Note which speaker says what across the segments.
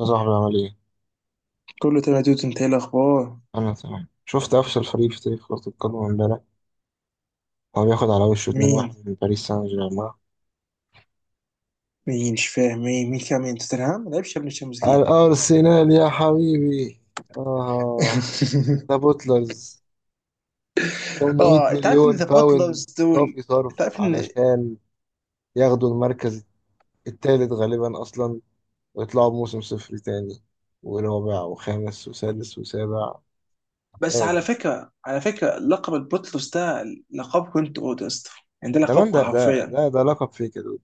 Speaker 1: يا صاحبي عمل ايه؟
Speaker 2: كله تمام يا دود، انت ايه الاخبار؟
Speaker 1: انا تمام. شفت افشل فريق في تاريخ كرة القدم امبارح. هو بياخد على وشه 2-1
Speaker 2: مين
Speaker 1: من باريس سان جيرمان.
Speaker 2: مين مش فاهم مين كان. توتنهام ما لعبش قبل الشامبيونز ليج.
Speaker 1: الارسنال يا حبيبي. اه، ده بوتلرز. 800
Speaker 2: اه، انت عارف ان
Speaker 1: مليون
Speaker 2: ذا
Speaker 1: باوند
Speaker 2: بوتلرز دول،
Speaker 1: صافي
Speaker 2: انت
Speaker 1: صرف
Speaker 2: عارف ان
Speaker 1: علشان ياخدوا المركز الثالث غالبا اصلا، ويطلعوا بموسم صفر تاني، ورابع وخامس وسادس وسابع.
Speaker 2: بس
Speaker 1: ايه
Speaker 2: على
Speaker 1: ده؟
Speaker 2: فكره، لقب البوتلرز ده لقب كنت اودست. يعني ده
Speaker 1: ده من
Speaker 2: لقب
Speaker 1: ده ده
Speaker 2: حرفيا،
Speaker 1: ده, ده لقب فيك يا دود.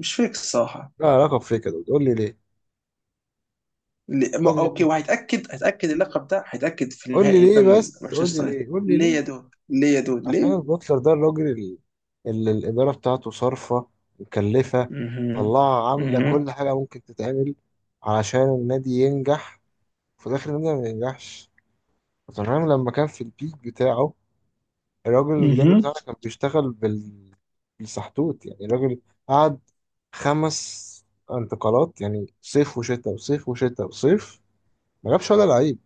Speaker 2: مش فيك الصراحه.
Speaker 1: ده لقب فيك يا دود، قول لي ليه، قول لي
Speaker 2: اوكي،
Speaker 1: ليه،
Speaker 2: وهيتاكد اللقب ده، هيتاكد في
Speaker 1: قول لي
Speaker 2: النهائي
Speaker 1: ليه،
Speaker 2: قدام
Speaker 1: بس قول لي
Speaker 2: مانشستر يونايتد.
Speaker 1: ليه، قول لي
Speaker 2: ليه يا
Speaker 1: ليه.
Speaker 2: دود، ليه يا دود،
Speaker 1: عشان
Speaker 2: ليه؟
Speaker 1: البوتلر ده الراجل اللي الإدارة بتاعته صارفة مكلفة،
Speaker 2: مهم.
Speaker 1: طلعها عاملة
Speaker 2: مهم.
Speaker 1: كل حاجة ممكن تتعمل علشان النادي ينجح، وفي الآخر النادي ما ينجحش. وتنهام لما كان في البيك بتاعه، الراجل المدرب
Speaker 2: مهم.
Speaker 1: بتاعنا كان بيشتغل بالسحتوت. يعني الراجل قعد خمس انتقالات، يعني صيف وشتاء وصيف وشتاء وصيف، ما جابش ولا لعيب،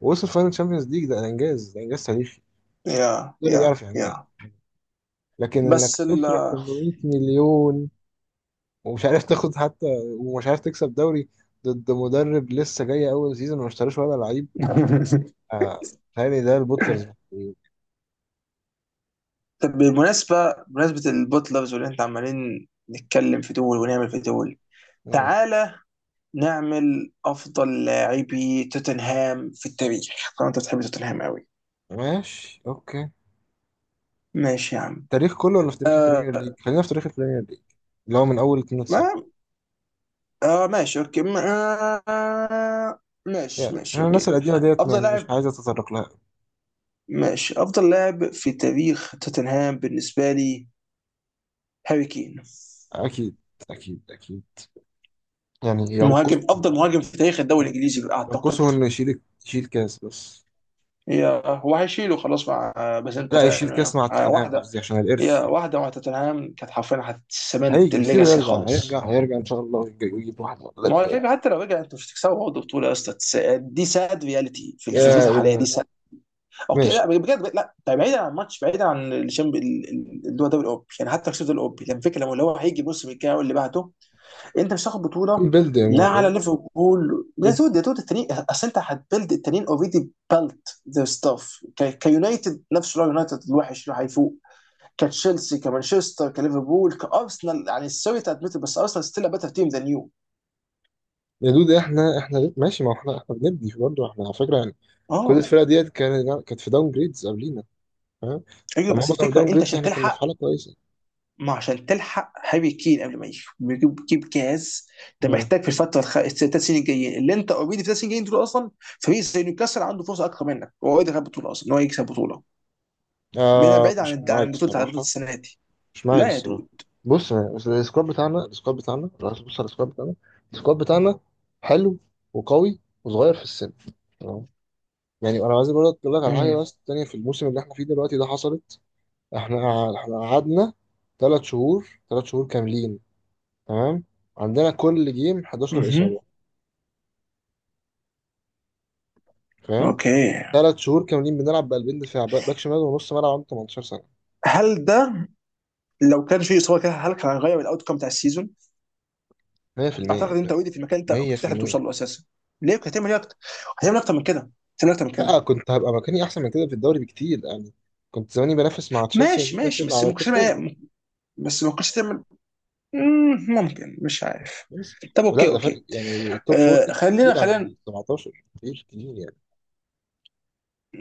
Speaker 1: ووصل فاينل تشامبيونز ليج. ده إنجاز، ده إنجاز تاريخي.
Speaker 2: يا
Speaker 1: ده اللي بيعرف
Speaker 2: يا
Speaker 1: يعملها.
Speaker 2: يا
Speaker 1: لكن انك
Speaker 2: بس ال
Speaker 1: تصرف 800 مليون ومش عارف تاخد حتى، ومش عارف تكسب دوري ضد مدرب لسه جاي اول سيزون وما اشتراش ولا لعيب؟ آه، تهيألي ده البوتلرز محتاجين.
Speaker 2: طب بالمناسبة، بمناسبة البوت لافز واللي انت عمالين نتكلم في دول ونعمل في دول،
Speaker 1: مم.
Speaker 2: تعالى نعمل أفضل لاعبي توتنهام في التاريخ. طبعا انت بتحب توتنهام قوي.
Speaker 1: ماشي، اوكي.
Speaker 2: ماشي يا عم.
Speaker 1: تاريخ كله ولا في تاريخ
Speaker 2: آه
Speaker 1: البريمير ليج؟ خلينا في تاريخ البريمير ليج، اللي هو من اول 92،
Speaker 2: ما، ماشي اوكي، ما آه ماشي،
Speaker 1: يعني عشان الناس
Speaker 2: اوكي.
Speaker 1: القديمه ديت
Speaker 2: أفضل
Speaker 1: يعني مش
Speaker 2: لاعب،
Speaker 1: عايز اتطرق لها.
Speaker 2: ماشي. أفضل لاعب في تاريخ توتنهام بالنسبة لي هاري كين.
Speaker 1: اكيد، اكيد اكيد. يعني
Speaker 2: مهاجم، أفضل مهاجم في تاريخ الدوري الإنجليزي أعتقد.
Speaker 1: ينقصه انه يشيل كاس بس.
Speaker 2: هو هيشيله خلاص مع، بس انت
Speaker 1: لا، يشيل
Speaker 2: فاهم
Speaker 1: كاس
Speaker 2: يعني،
Speaker 1: مع توتنهام
Speaker 2: واحده.
Speaker 1: قصدي، عشان
Speaker 2: هي
Speaker 1: الارث.
Speaker 2: واحده مع توتنهام كانت حرفيا هتسمنت
Speaker 1: هيجي بيصير
Speaker 2: الليجاسي
Speaker 1: يرجع
Speaker 2: خالص.
Speaker 1: هيرجع، هيرجع ان شاء الله، ويجيب واحد ولا
Speaker 2: ما هو
Speaker 1: اتنين.
Speaker 2: الفكره، حتى لو رجع انت مش هتكسبه برضه بطوله يا اسطى. دي ساد رياليتي في الظروف
Speaker 1: يا
Speaker 2: الحاليه،
Speaker 1: الهي.
Speaker 2: دي ساد. اوكي
Speaker 1: ماشي.
Speaker 2: لا، بجد لا، ده بعيدا عن الماتش، بعيدا عن الشامب اللي هو الدوري الاوروبي، يعني حتى كسبت الاوروبي. يعني الفكره لما اللي هو هيجي الموسم الجاي واللي بعده، انت مش هتاخد
Speaker 1: ايه
Speaker 2: بطوله.
Speaker 1: البلد
Speaker 2: لا، على ليفربول يا دود، يا دود التانيين، اصل انت هتبلد التانيين. اوريدي بلت ذير ستاف كيونايتد، نفس اللي هو يونايتد الوحش اللي هيفوق كتشيلسي كمانشستر كليفربول كارسنال. يعني سوري تادمت، بس ارسنال ستيل بيتر تيم ذان يو.
Speaker 1: يا دود، احنا ماشي. ما هو احنا بنبني برضه احنا، على فكره. يعني كل
Speaker 2: اه،
Speaker 1: الفرق ديت كانت في داون جريدز قبلينا، فاهم؟
Speaker 2: ايوه،
Speaker 1: لما
Speaker 2: بس
Speaker 1: هم كانوا
Speaker 2: الفكره
Speaker 1: داون
Speaker 2: انت
Speaker 1: جريدز
Speaker 2: عشان
Speaker 1: احنا كنا في
Speaker 2: تلحق،
Speaker 1: حاله كويسه.
Speaker 2: ما عشان تلحق هاري كين قبل ما يجي يجيب، جاز. انت
Speaker 1: مم.
Speaker 2: محتاج في الفتره الثلاث سنين الجايين، اللي انت اوريدي في الثلاث سنين الجايين دول اصلا. فريق زي نيوكاسل عنده فرصه اكتر منك، هو اوريدي خد بطوله اصلا، ان هو يكسب بطوله. بعيد،
Speaker 1: آه،
Speaker 2: عن
Speaker 1: مش
Speaker 2: عن
Speaker 1: معاك
Speaker 2: البطوله، عن بطوله
Speaker 1: الصراحه.
Speaker 2: السنه دي.
Speaker 1: مش معاك
Speaker 2: لا يا
Speaker 1: الصراحه.
Speaker 2: دود.
Speaker 1: بص، بس السكواد بتاعنا، السكواد بتاعنا، لو عايز تبص على السكواد بتاعنا، السكواد بتاعنا حلو وقوي وصغير في السن. يعني انا عايز برضه اقول لك على حاجه
Speaker 2: امم.
Speaker 1: بس تانية. في الموسم اللي احنا فيه دلوقتي ده حصلت. احنا احنا قعدنا ثلاث شهور، ثلاث شهور كاملين، تمام، عندنا كل جيم 11 اصابه،
Speaker 2: مهم.
Speaker 1: فاهم؟
Speaker 2: اوكي.
Speaker 1: ثلاث شهور كاملين بنلعب بقلبين دفاع، باك باك شمال، ونص ملعب عنده 18 سنه.
Speaker 2: هل ده لو كان في اصابه كده، هل كان هيغير الاوت كوم بتاع السيزون؟
Speaker 1: 100%
Speaker 2: اعتقد
Speaker 1: انت.
Speaker 2: انت اوريدي في المكان انت كنت تحلم
Speaker 1: 100%.
Speaker 2: توصل له اساسا. ليه؟ كنت هتعمل ايه اكتر؟ هتعمل اكتر من كده؟ هتعمل اكتر من
Speaker 1: لا،
Speaker 2: كده؟
Speaker 1: كنت هبقى مكاني احسن من كده في الدوري بكتير يعني. كنت زماني بنافس مع تشيلسي
Speaker 2: ماشي ماشي،
Speaker 1: ونيوكاسل
Speaker 2: بس
Speaker 1: على
Speaker 2: ما
Speaker 1: التوب
Speaker 2: كنتش
Speaker 1: فور.
Speaker 2: هتعمل إيه؟ بس ما كنتش هتعمل. ممكن، مش عارف.
Speaker 1: بس.
Speaker 2: طب اوكي
Speaker 1: ولا ده فرق
Speaker 2: اوكي.
Speaker 1: يعني؟ التوب فور
Speaker 2: آه،
Speaker 1: تفرق
Speaker 2: خلينا
Speaker 1: كتير عن
Speaker 2: خلينا.
Speaker 1: ال 17، كتير كتير يعني.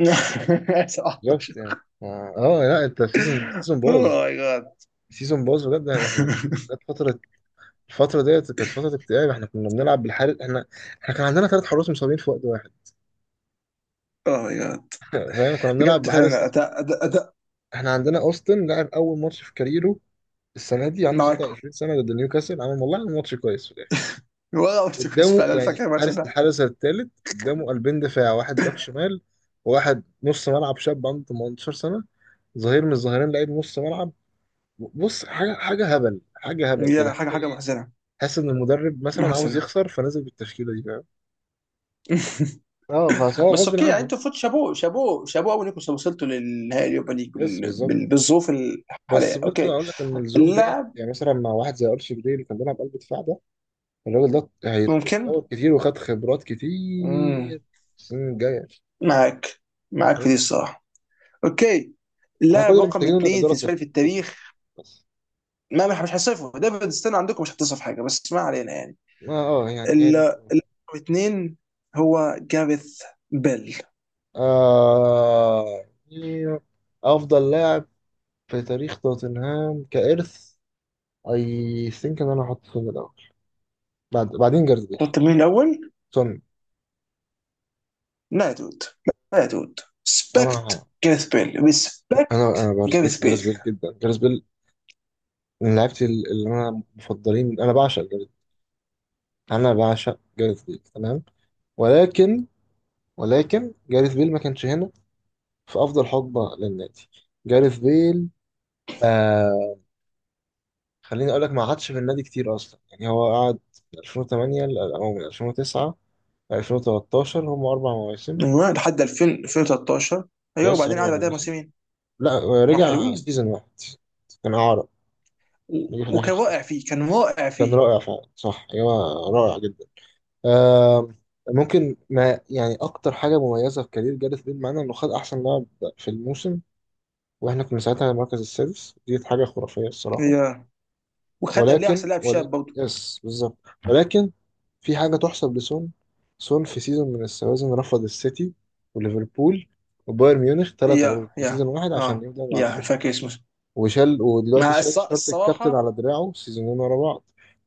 Speaker 2: 17.
Speaker 1: بالظبط يعني. اه، آه، لا انت سيزون
Speaker 2: اوه
Speaker 1: باظ،
Speaker 2: ماي جاد.
Speaker 1: سيزون باظ بجد. يعني احنا كنا، جت الفترة ديت كانت فترة اكتئاب. احنا كنا بنلعب بالحارس. احنا، احنا كان عندنا ثلاث حراس مصابين في وقت واحد.
Speaker 2: اوه ماي جاد.
Speaker 1: فاهم؟ كنا بنلعب
Speaker 2: بجد
Speaker 1: بحارس
Speaker 2: فعلا،
Speaker 1: اسمه،
Speaker 2: اداء، اداء
Speaker 1: احنا عندنا اوستن، لعب اول ماتش في كاريره السنة دي، عنده
Speaker 2: معاكم،
Speaker 1: 26 سنة، ضد نيوكاسل، عمل والله عمل ماتش كويس في الاخر.
Speaker 2: ولا اورتيكوس؟
Speaker 1: قدامه
Speaker 2: فعلا أنا
Speaker 1: يعني،
Speaker 2: فاكر الماتش
Speaker 1: حارس،
Speaker 2: ده.
Speaker 1: الحارس الثالث، قدامه قلبين دفاع، واحد باك شمال، وواحد نص ملعب شاب عنده 18 سنة، ظهير من الظهيرين لعيب نص ملعب. بص، حاجه، حاجه هبل، حاجه هبل كده،
Speaker 2: يا، حاجه،
Speaker 1: حاجه
Speaker 2: حاجه
Speaker 1: ايه؟
Speaker 2: محزنه،
Speaker 1: حاسس ان المدرب مثلا عاوز
Speaker 2: محزنه.
Speaker 1: يخسر، فنزل بالتشكيله دي، فاهم؟ اه، فهو
Speaker 2: بس
Speaker 1: غصب
Speaker 2: اوكي يعني،
Speaker 1: عنه.
Speaker 2: انتوا فوت شابوه شابوه شابوه قوي انكم وصلتوا للنهائي اليوروبا ليج،
Speaker 1: يس، بالظبط.
Speaker 2: بالظروف
Speaker 1: بس
Speaker 2: الحاليه،
Speaker 1: برضه
Speaker 2: اوكي.
Speaker 1: اقول لك ان الظروف ديت،
Speaker 2: اللاعب،
Speaker 1: يعني مثلا مع واحد زي ارشي جراي اللي كان بيلعب قلب دفاع ده، الراجل ده
Speaker 2: ممكن.
Speaker 1: هيتطور كتير، وخد خبرات
Speaker 2: مم.
Speaker 1: كتير. السنين الجايه.
Speaker 2: معاك، معاك
Speaker 1: بس.
Speaker 2: في دي الصراحه. اوكي،
Speaker 1: احنا كل
Speaker 2: اللاعب
Speaker 1: اللي
Speaker 2: رقم
Speaker 1: محتاجينه ان
Speaker 2: اثنين
Speaker 1: الاداره
Speaker 2: بالنسبه لي في
Speaker 1: تصرف
Speaker 2: التاريخ.
Speaker 1: بس.
Speaker 2: ما مش، هصفه ديفيد ستين عندكم، مش هتصف حاجه، بس ما علينا يعني.
Speaker 1: ما اه، يعني هي
Speaker 2: ال-
Speaker 1: دي.
Speaker 2: اللاعب رقم اثنين هو جاريث بيل.
Speaker 1: آه، يعني افضل لاعب في تاريخ توتنهام كإرث، اي ثينك ان انا هحط سون الاول، بعدين جاريث بيل.
Speaker 2: قلت مين الاول؟
Speaker 1: سون.
Speaker 2: لا يا دود، لا يا دود،
Speaker 1: انا
Speaker 2: سبكت
Speaker 1: ه-
Speaker 2: جاريث بيل، ريسبكت
Speaker 1: انا
Speaker 2: جاريث
Speaker 1: برسبكت جاريث
Speaker 2: بيل.
Speaker 1: بيل جدا. جاريث بيل من لعيبتي، اللي انا مفضلين. انا بعشق جاريث، انا بعشق جاريث بيل، تمام. ولكن، ولكن جاريث بيل ما كانش هنا في افضل حقبه للنادي. جاريث بيل، آه، خليني اقول لك، ما قعدش في النادي كتير اصلا يعني. هو قعد من 2008 او من 2009 ل 2013، هم اربع مواسم.
Speaker 2: من وين لحد 2000؟ 2013؟ ايوه،
Speaker 1: يس،
Speaker 2: وبعدين
Speaker 1: اربع
Speaker 2: قعد بعدها
Speaker 1: مواسم.
Speaker 2: موسمين
Speaker 1: لا،
Speaker 2: ما
Speaker 1: رجع
Speaker 2: حلوين.
Speaker 1: سيزون واحد، كان عارض. نجي في الاخر
Speaker 2: وكان
Speaker 1: خالص،
Speaker 2: رائع فيه، كان رائع
Speaker 1: كان
Speaker 2: فيه.
Speaker 1: رائع فعلا، صح. ايوه، رائع جدا. آم، ممكن ما يعني، اكتر حاجه مميزه في كارير جاريث بيل معانا انه خد احسن لاعب في الموسم واحنا كنا ساعتها المركز السادس. دي حاجه خرافيه الصراحه.
Speaker 2: يا، وخد قبلها
Speaker 1: ولكن،
Speaker 2: احسن لاعب شاب
Speaker 1: ولكن،
Speaker 2: برضه.
Speaker 1: يس بالظبط. ولكن في حاجه تحسب لسون. سون، في سيزون من السوازن، رفض السيتي وليفربول وبايرن ميونخ، ثلاث عروض
Speaker 2: يا،
Speaker 1: في سيزون
Speaker 2: يا،
Speaker 1: واحد، عشان
Speaker 2: اه،
Speaker 1: يفضل مع.
Speaker 2: يا فاكر اسمه،
Speaker 1: وشال، ودلوقتي شال شارة الكابتن
Speaker 2: الصراحه.
Speaker 1: على دراعه سيزونين ورا بعض.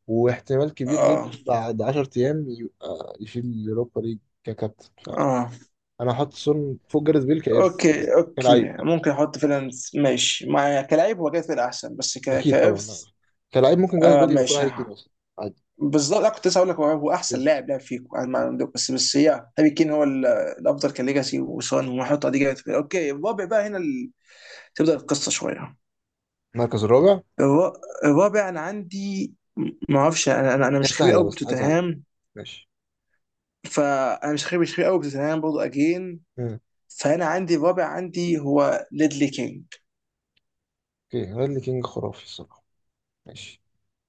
Speaker 1: واحتمال كبير
Speaker 2: اه،
Speaker 1: جدا بعد 10 ايام يبقى يشيل اليوروبا ليج ككابتن.
Speaker 2: اه،
Speaker 1: فانا هحط سون فوق جاريث بيل كارث، بس
Speaker 2: اوكي
Speaker 1: كلاعب
Speaker 2: اوكي،
Speaker 1: طبعا.
Speaker 2: ممكن احط فعلا. ماشي، مع كلاعب هو جاي احسن، بس ك...
Speaker 1: اكيد طبعا، لا.
Speaker 2: كارث.
Speaker 1: كلاعب ممكن جاريث
Speaker 2: آه
Speaker 1: بيل يبقى فوق
Speaker 2: ماشي.
Speaker 1: هاري كين اصلا، عادي.
Speaker 2: بالظبط، انا كنت لسه هقول لك هو، هو احسن
Speaker 1: يس.
Speaker 2: لاعب لعب فيكم، انا ما عندك، بس بس، هي هاري كين هو الافضل كليجاسي، وسون وحط دي جابت. اوكي الرابع بقى، هنا تبدا القصه شويه.
Speaker 1: المركز الرابع.
Speaker 2: الر- الرابع انا عندي، ما اعرفش، انا
Speaker 1: هي
Speaker 2: مش خبير
Speaker 1: سهله،
Speaker 2: قوي
Speaker 1: بس عايز اعرف.
Speaker 2: بتوتنهام.
Speaker 1: ماشي.
Speaker 2: فانا مش خبير، قوي بتوتنهام برضه اجين.
Speaker 1: مم.
Speaker 2: فانا عندي الرابع، عندي هو ليدلي كينج.
Speaker 1: اوكي، رادلي كينج خرافي الصراحه. ماشي،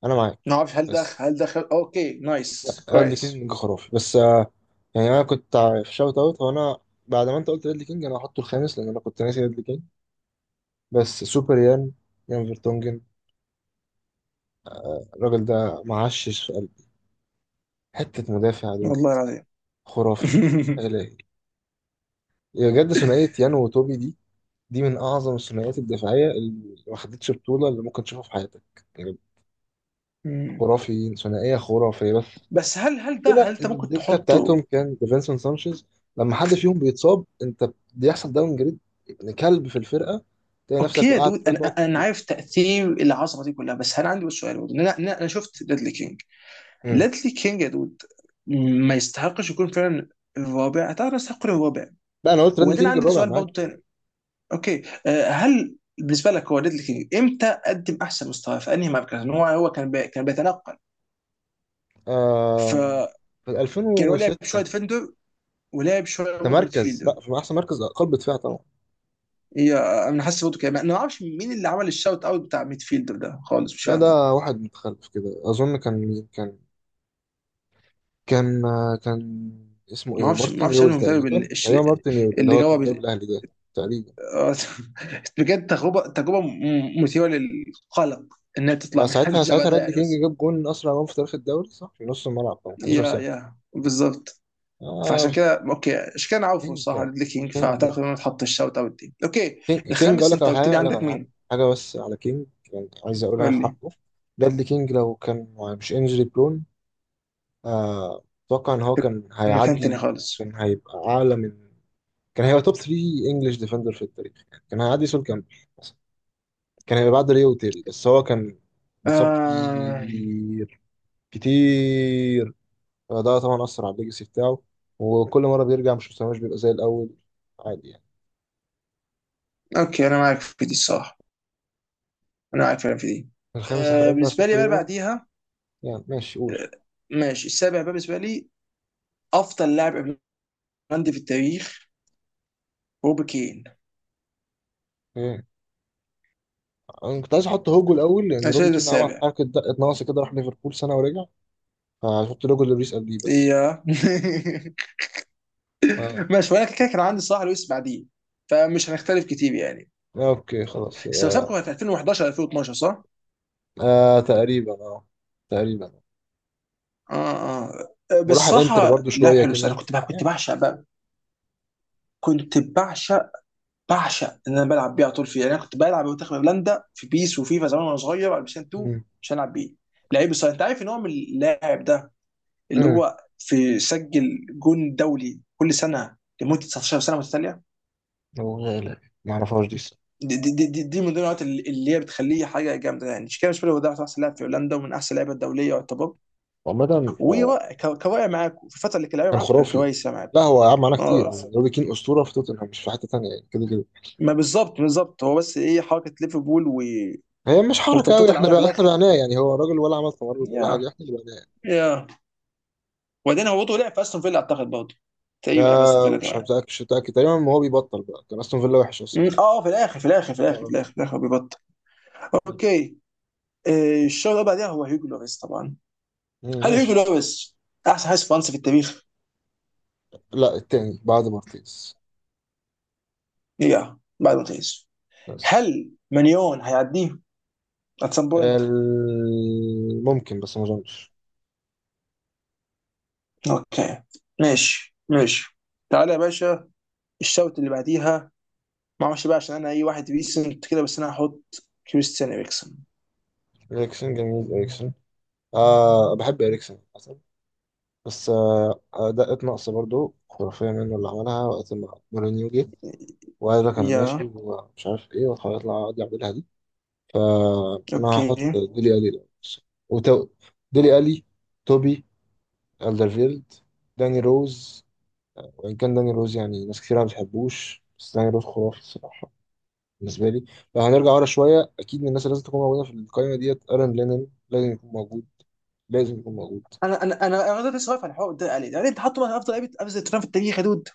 Speaker 1: انا معاك.
Speaker 2: ما اعرفش هل ده،
Speaker 1: بس،
Speaker 2: خل... اوكي نايس،
Speaker 1: ريدلي
Speaker 2: كويس.
Speaker 1: كينج خرافي، بس آه، يعني انا كنت في شوت اوت، هو انا بعد ما انت قلت ريدلي كينج انا هحطه الخامس، لان انا كنت ناسي ريدلي كينج. بس سوبر يان، يان فيرتونجن، الراجل ده معشش في قلبي، حته مدافع دود.
Speaker 2: والله العظيم.
Speaker 1: خرافي. الهي، بجد. ثنائيه يان وتوبي، دي من اعظم الثنائيات الدفاعيه اللي ما خدتش بطوله اللي ممكن تشوفها في حياتك يعني. خرافي، ثنائيه خرافيه. بس
Speaker 2: بس هل، هل ده هل
Speaker 1: المشكلة
Speaker 2: انت
Speaker 1: إن
Speaker 2: ممكن
Speaker 1: الدكة بتاعتهم
Speaker 2: تحطه؟
Speaker 1: كان ديفينسون سانشيز، لما حد فيهم بيتصاب أنت بيحصل داون جريد، ابن كلب في الفرقة، تلاقي
Speaker 2: اوكي
Speaker 1: نفسك
Speaker 2: يا
Speaker 1: وقعت
Speaker 2: دود،
Speaker 1: شوية نقط
Speaker 2: انا
Speaker 1: كتير.
Speaker 2: عارف تاثير العصبه دي كلها، بس انا عندي بس سؤال برضه، إن انا انا أنا شفت ليدلي كينج.
Speaker 1: امم.
Speaker 2: ليدلي كينج يا دود، ما يستحقش يكون فعلا الرابع؟ اتعرف يستحق يكون الرابع.
Speaker 1: لا، أنا قلت راندي
Speaker 2: وبعدين
Speaker 1: كينج
Speaker 2: عندي
Speaker 1: الرابع،
Speaker 2: سؤال
Speaker 1: معاك.
Speaker 2: برضه تاني. اوكي، هل بالنسبه لك هو، ليدلي كينج امتى قدم احسن مستوى في انهي مركز؟ لأن هو، هو كان بي... كان بيتنقل،
Speaker 1: آم،
Speaker 2: فكان،
Speaker 1: في
Speaker 2: هو لعب شويه
Speaker 1: 2006.
Speaker 2: ديفندر ولعب شويه
Speaker 1: ده
Speaker 2: برضه
Speaker 1: مركز،
Speaker 2: ميدفيلدر.
Speaker 1: لا، في أحسن مركز قلب دفاع طبعا.
Speaker 2: هي، انا حاسس برضه كده، انا ما اعرفش مين اللي عمل الشاوت اوت بتاع ميدفيلدر ده خالص، مش
Speaker 1: لا
Speaker 2: فاهمه.
Speaker 1: ده واحد متخلف كده، أظن. كان مين كان كان آه، كان اسمه
Speaker 2: ما
Speaker 1: إيه،
Speaker 2: اعرفش،
Speaker 1: مارتن
Speaker 2: انا
Speaker 1: يول
Speaker 2: المدرب اللي
Speaker 1: تقريبا، تقريبا مارتن يول، اللي
Speaker 2: اللي
Speaker 1: هو كان
Speaker 2: جرب.
Speaker 1: بيدرب الأهلي ده. تقريبا.
Speaker 2: آه، بجد تجربه، تجربه مثيره للقلق، انها تطلع
Speaker 1: آه،
Speaker 2: من حد شبه
Speaker 1: ساعتها
Speaker 2: ده
Speaker 1: رادلي
Speaker 2: يعني،
Speaker 1: كينج
Speaker 2: بس.
Speaker 1: جاب جون، اسرع جون في تاريخ الدوري، صح، في نص الملعب طبعا، 11
Speaker 2: يا،
Speaker 1: سنه.
Speaker 2: يا بالظبط. فعشان
Speaker 1: اه.
Speaker 2: كده اوكي، عشان كده انا عارفه
Speaker 1: كينج،
Speaker 2: الصراحه ليدلي كينج،
Speaker 1: كينج،
Speaker 2: فاعتقد انه اتحط الشوت اوت دي اوكي.
Speaker 1: كينج كينج، اقول
Speaker 2: الخامس،
Speaker 1: لك
Speaker 2: انت
Speaker 1: على
Speaker 2: قلت
Speaker 1: حاجه،
Speaker 2: لي عندك مين؟
Speaker 1: حاجه بس على كينج، يعني عايز اقولها في
Speaker 2: قول لي
Speaker 1: حقه. بradley كينج لو كان مش انجري برون، آه، اتوقع ان هو كان
Speaker 2: من مكان
Speaker 1: هيعدي
Speaker 2: تاني خالص.
Speaker 1: كان هيبقى توب 3 انجلش ديفندر في التاريخ يعني. كان هيعدي سول كامبل مثلا، كان هيبقى بعد ريو تيري. بس هو كان بيتصاب
Speaker 2: آه...
Speaker 1: كتير، كتير. فده طبعا اثر على الليجاسي بتاعه. وكل مره بيرجع مش مستواش، بيبقى زي الاول، عادي يعني.
Speaker 2: اوكي انا معاك في دي الصراحه، انا معاك فعلا في دي.
Speaker 1: الخامس احنا قلنا
Speaker 2: بالنسبه لي
Speaker 1: سوبر
Speaker 2: بقى
Speaker 1: يان.
Speaker 2: بعديها،
Speaker 1: يعني ماشي، قول.
Speaker 2: آه، ماشي. السابع بقى بالنسبه لي، افضل لاعب عندي في التاريخ، روبي كين.
Speaker 1: ايه، انا كنت عايز احط هوجو الاول، لان روبي
Speaker 2: الشاهد
Speaker 1: كين عمل
Speaker 2: السابع.
Speaker 1: حركه دقه ناقصه كده، راح ليفربول سنه ورجع. فهحط لوجو لوريس قلبي بس.
Speaker 2: يا.
Speaker 1: اه،
Speaker 2: ماشي، وانا كده كان عندي صلاح لويس بعديه، فمش هنختلف كتير يعني.
Speaker 1: آه، اوكي، خلاص
Speaker 2: بس لو سابقا،
Speaker 1: يبقى.
Speaker 2: كانت 2011؟ 2012 صح؟
Speaker 1: آه، تقريبا، اه، تقريبا.
Speaker 2: اه اه، بس
Speaker 1: وراح الانتر
Speaker 2: صراحة
Speaker 1: برضو
Speaker 2: لعب
Speaker 1: شويه
Speaker 2: حلو. بس انا
Speaker 1: كده
Speaker 2: كنت بقى،
Speaker 1: يعني.
Speaker 2: بعشق بقى، كنت بعشق، ان انا بلعب بيه على طول فيه. يعني انا كنت بلعب منتخب هولندا في بيس وفيفا زمان وانا صغير على بلايستيشن 2،
Speaker 1: امم.
Speaker 2: عشان العب بيه. لعيب، بس انت عارف ان هو من اللاعب ده اللي
Speaker 1: امم،
Speaker 2: هو في سجل جون دولي كل سنة لمدة 19 سنة متتالية.
Speaker 1: هو غالي ما اعرفهاش دي الصراحة.
Speaker 2: دي من ضمن النقط اللي هي بتخليه حاجه جامده، يعني شيكابالا بالنسبه لي. هو ده احسن لاعب في هولندا، ومن احسن اللعيبه الدوليه يعتبر.
Speaker 1: عامه، آه،
Speaker 2: وكواقع معاكم في الفتره اللي كان لعيبه
Speaker 1: كان
Speaker 2: معاكم كان
Speaker 1: خرافي.
Speaker 2: كويسه
Speaker 1: لا
Speaker 2: معاكم.
Speaker 1: هو يا عم، على كتير،
Speaker 2: اه،
Speaker 1: هو روبي كين اسطوره في توتنهام، مش في حته تانيه يعني، كده كده.
Speaker 2: ما بالظبط، هو بس ايه حركه ليفربول و...
Speaker 1: هي مش حركه
Speaker 2: والتمطيط
Speaker 1: قوي،
Speaker 2: اللي
Speaker 1: احنا
Speaker 2: عملها في
Speaker 1: بقى احنا
Speaker 2: الاخر.
Speaker 1: بعناه يعني. هو راجل، ولا عمل تمرد ولا حاجه،
Speaker 2: يا،
Speaker 1: احنا اللي بعناه.
Speaker 2: يا، وبعدين هو برضه لعب في استون فيلا اعتقد برضه، تقريبا لعب في استون
Speaker 1: آه،
Speaker 2: فيلا
Speaker 1: مش
Speaker 2: كمان.
Speaker 1: متأكد، مش متأكد، تقريبا. ما هو بيبطل بقى، كان أستون فيلا وحش أصلا
Speaker 2: مم،
Speaker 1: ساعتها.
Speaker 2: اه، في الاخر، في الاخر، في الاخر، في
Speaker 1: اه.
Speaker 2: الاخر، في الاخر بيبطل. اوكي. الشوط اللي بعدها هو هيجو لوريس طبعا.
Speaker 1: مم،
Speaker 2: هل هيجو
Speaker 1: ماشي.
Speaker 2: لوريس احسن حارس فرنسي في التاريخ؟
Speaker 1: لا التاني بعد مارتيز.
Speaker 2: يا، بعد ما تقيس.
Speaker 1: بس
Speaker 2: هل مليون هيعديه ات سم بوينت؟
Speaker 1: ممكن، بس ما أظنش.
Speaker 2: اوكي، ماشي ماشي. تعالى يا باشا، الشوط اللي بعديها. ما اعرفش بقى، عشان انا اي واحد ريسنت كده، بس انا هحط كريستيان اريكسون.
Speaker 1: إريكسن، جميل إريكسن، آه، بحب إريكسن أصلا. بس آه، أداءات ناقصة برضو، خرافية منه اللي عملها وقت ما مورينيو جه وقال لك أنا ماشي
Speaker 2: يا.
Speaker 1: ومش عارف إيه، وهيطلع عادي أعملها دي. فأنا
Speaker 2: اوكي،
Speaker 1: هحط ديلي ألي ده، وتو... ديلي ألي، توبي ألدرفيلد، داني روز. وإن كان داني روز يعني ناس كتير ما بتحبوش، بس داني روز خرافي الصراحة، بالنسبة لي. لو هنرجع ورا شوية، أكيد من الناس اللي لازم تكون موجودة في القائمة ديت أرن لينن، لازم يكون موجود، لازم يكون موجود.
Speaker 2: انا لسه واقف على الحوار ده علي. يعني انت حاطه مثلا افضل لعيبه، افضل ترام في التاريخ يا دود؟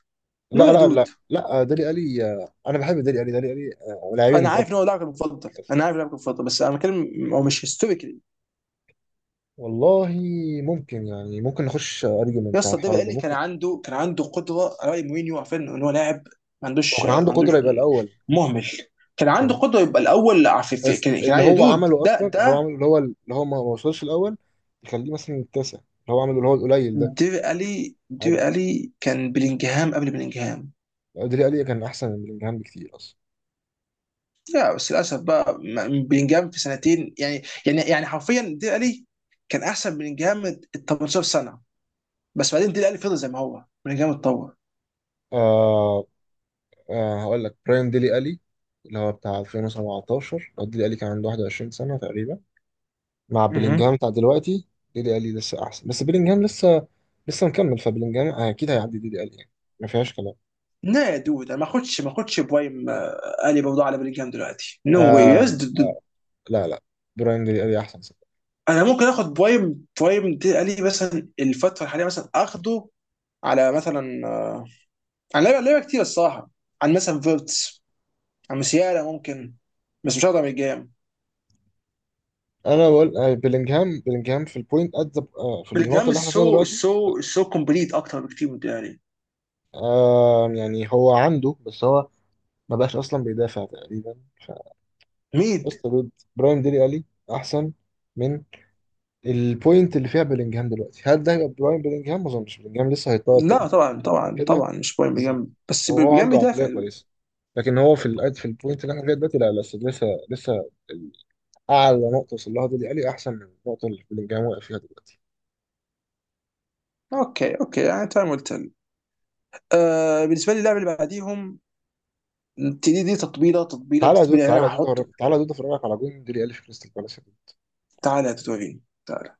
Speaker 2: نو
Speaker 1: لا
Speaker 2: يا
Speaker 1: لا لا
Speaker 2: دود،
Speaker 1: لا، دالي ألي، آه، أنا بحب دالي ألي، دالي ألي آه، لاعبي
Speaker 2: انا
Speaker 1: المفضل.
Speaker 2: عارف ان هو لاعبك المفضل، انا عارف لاعبك المفضل، بس انا بتكلم هو مش هيستوريكلي.
Speaker 1: والله، ممكن يعني، ممكن نخش
Speaker 2: يا
Speaker 1: أرجيومنت على
Speaker 2: اسطى، الدوري
Speaker 1: الحوار ده،
Speaker 2: الايطالي كان
Speaker 1: ممكن.
Speaker 2: عنده، قدره على راي مورينيو، عارفين ان هو لاعب
Speaker 1: لو كان
Speaker 2: ما
Speaker 1: عنده
Speaker 2: عندوش
Speaker 1: قدرة يبقى الأول.
Speaker 2: مهمل. كان عنده
Speaker 1: تمام.
Speaker 2: قدره يبقى الاول في
Speaker 1: بس
Speaker 2: كان، كان
Speaker 1: اللي
Speaker 2: عادي يا
Speaker 1: هو
Speaker 2: دود،
Speaker 1: عمله
Speaker 2: ده
Speaker 1: اصلا، اللي هو
Speaker 2: ده
Speaker 1: عمله، اللي هو اللي هو ما وصلش الاول، يخليه مثلا التاسع. اللي هو عمله، اللي هو القليل ده،
Speaker 2: دير الي،
Speaker 1: عادي.
Speaker 2: كان بلينجهام قبل بلينجهام.
Speaker 1: ديلي الي كان احسن من بلينجهام بكتير اصلا.
Speaker 2: لا بس للاسف بقى، بلينجهام في سنتين، يعني يعني يعني حرفيا دير الي كان احسن من بلينجهام ال 18 سنه، بس بعدين دير الي فضل زي ما هو، بلينجهام اتطور.
Speaker 1: آه. آه، هقول لك براين ديلي الي اللي هو بتاع 2017، هو ديلي الي كان عنده 21 سنه تقريبا، مع بلينجهام
Speaker 2: مهم.
Speaker 1: بتاع دلوقتي. ديلي الي لسه احسن. بس بلينجهام لسه، لسه مكمل، فبلينجهام اكيد هيعدي ديلي الي يعني، ما فيهاش كلام.
Speaker 2: لا يا دود، انا ما اخدش، بوايم الي برضه على بلينجهام دلوقتي، نو واي يس.
Speaker 1: آه، آه، لا لا، براين ديلي الي احسن.
Speaker 2: انا ممكن اخد برايم، دي قال لي مثلا الفتره الحاليه، مثلا اخده على مثلا، عن لعيبه، كتير الصراحه، عن مثلا فيرتس، عن مسيالا ممكن. بس مش هقدر من الجام،
Speaker 1: انا بقول، آه، بلينجهام، بلينجهام في البوينت ات the- آه، في النقطه
Speaker 2: الجام
Speaker 1: اللي احنا فيها
Speaker 2: السو
Speaker 1: دلوقتي.
Speaker 2: السو السو كومبليت اكتر بكتير من، يعني.
Speaker 1: آه، يعني هو عنده، بس هو ما بقاش اصلا بيدافع تقريبا.
Speaker 2: مين؟
Speaker 1: فقصة ضد براين ديلي الي احسن من البوينت اللي فيها بلينجهام دلوقتي. هل ده هيبقى براين بلينجهام؟ ما اظنش. بلينجهام لسه هيتطور تاني
Speaker 2: لا طبعا،
Speaker 1: من
Speaker 2: طبعا
Speaker 1: كده.
Speaker 2: طبعا مش برايم
Speaker 1: بالظبط.
Speaker 2: بجنب، بس
Speaker 1: وهو
Speaker 2: بجنب
Speaker 1: عنده عقليه
Speaker 2: بيدافع دود.
Speaker 1: كويسه. لكن هو في الأد، في البوينت اللي احنا فيها دلوقتي، لا لسه، لسه لسه، اعلى نقطه وصل لها ديلي الي احسن من النقطه اللي بلينجهام واقف فيها دلوقتي.
Speaker 2: اوكي اوكي، يعني تمام قلت لك. آه، بالنسبه لي اللاعب اللي بعديهم، دي دي تطبيله تطبيله
Speaker 1: تعالى يا دود،
Speaker 2: تطبيله يعني
Speaker 1: تعالى
Speaker 2: انا
Speaker 1: يا دود،
Speaker 2: هحط،
Speaker 1: تعالى يا دود افرجك على جون ديلي الي في كريستال بالاس.
Speaker 2: تعالى يا توتورينو، تعالى.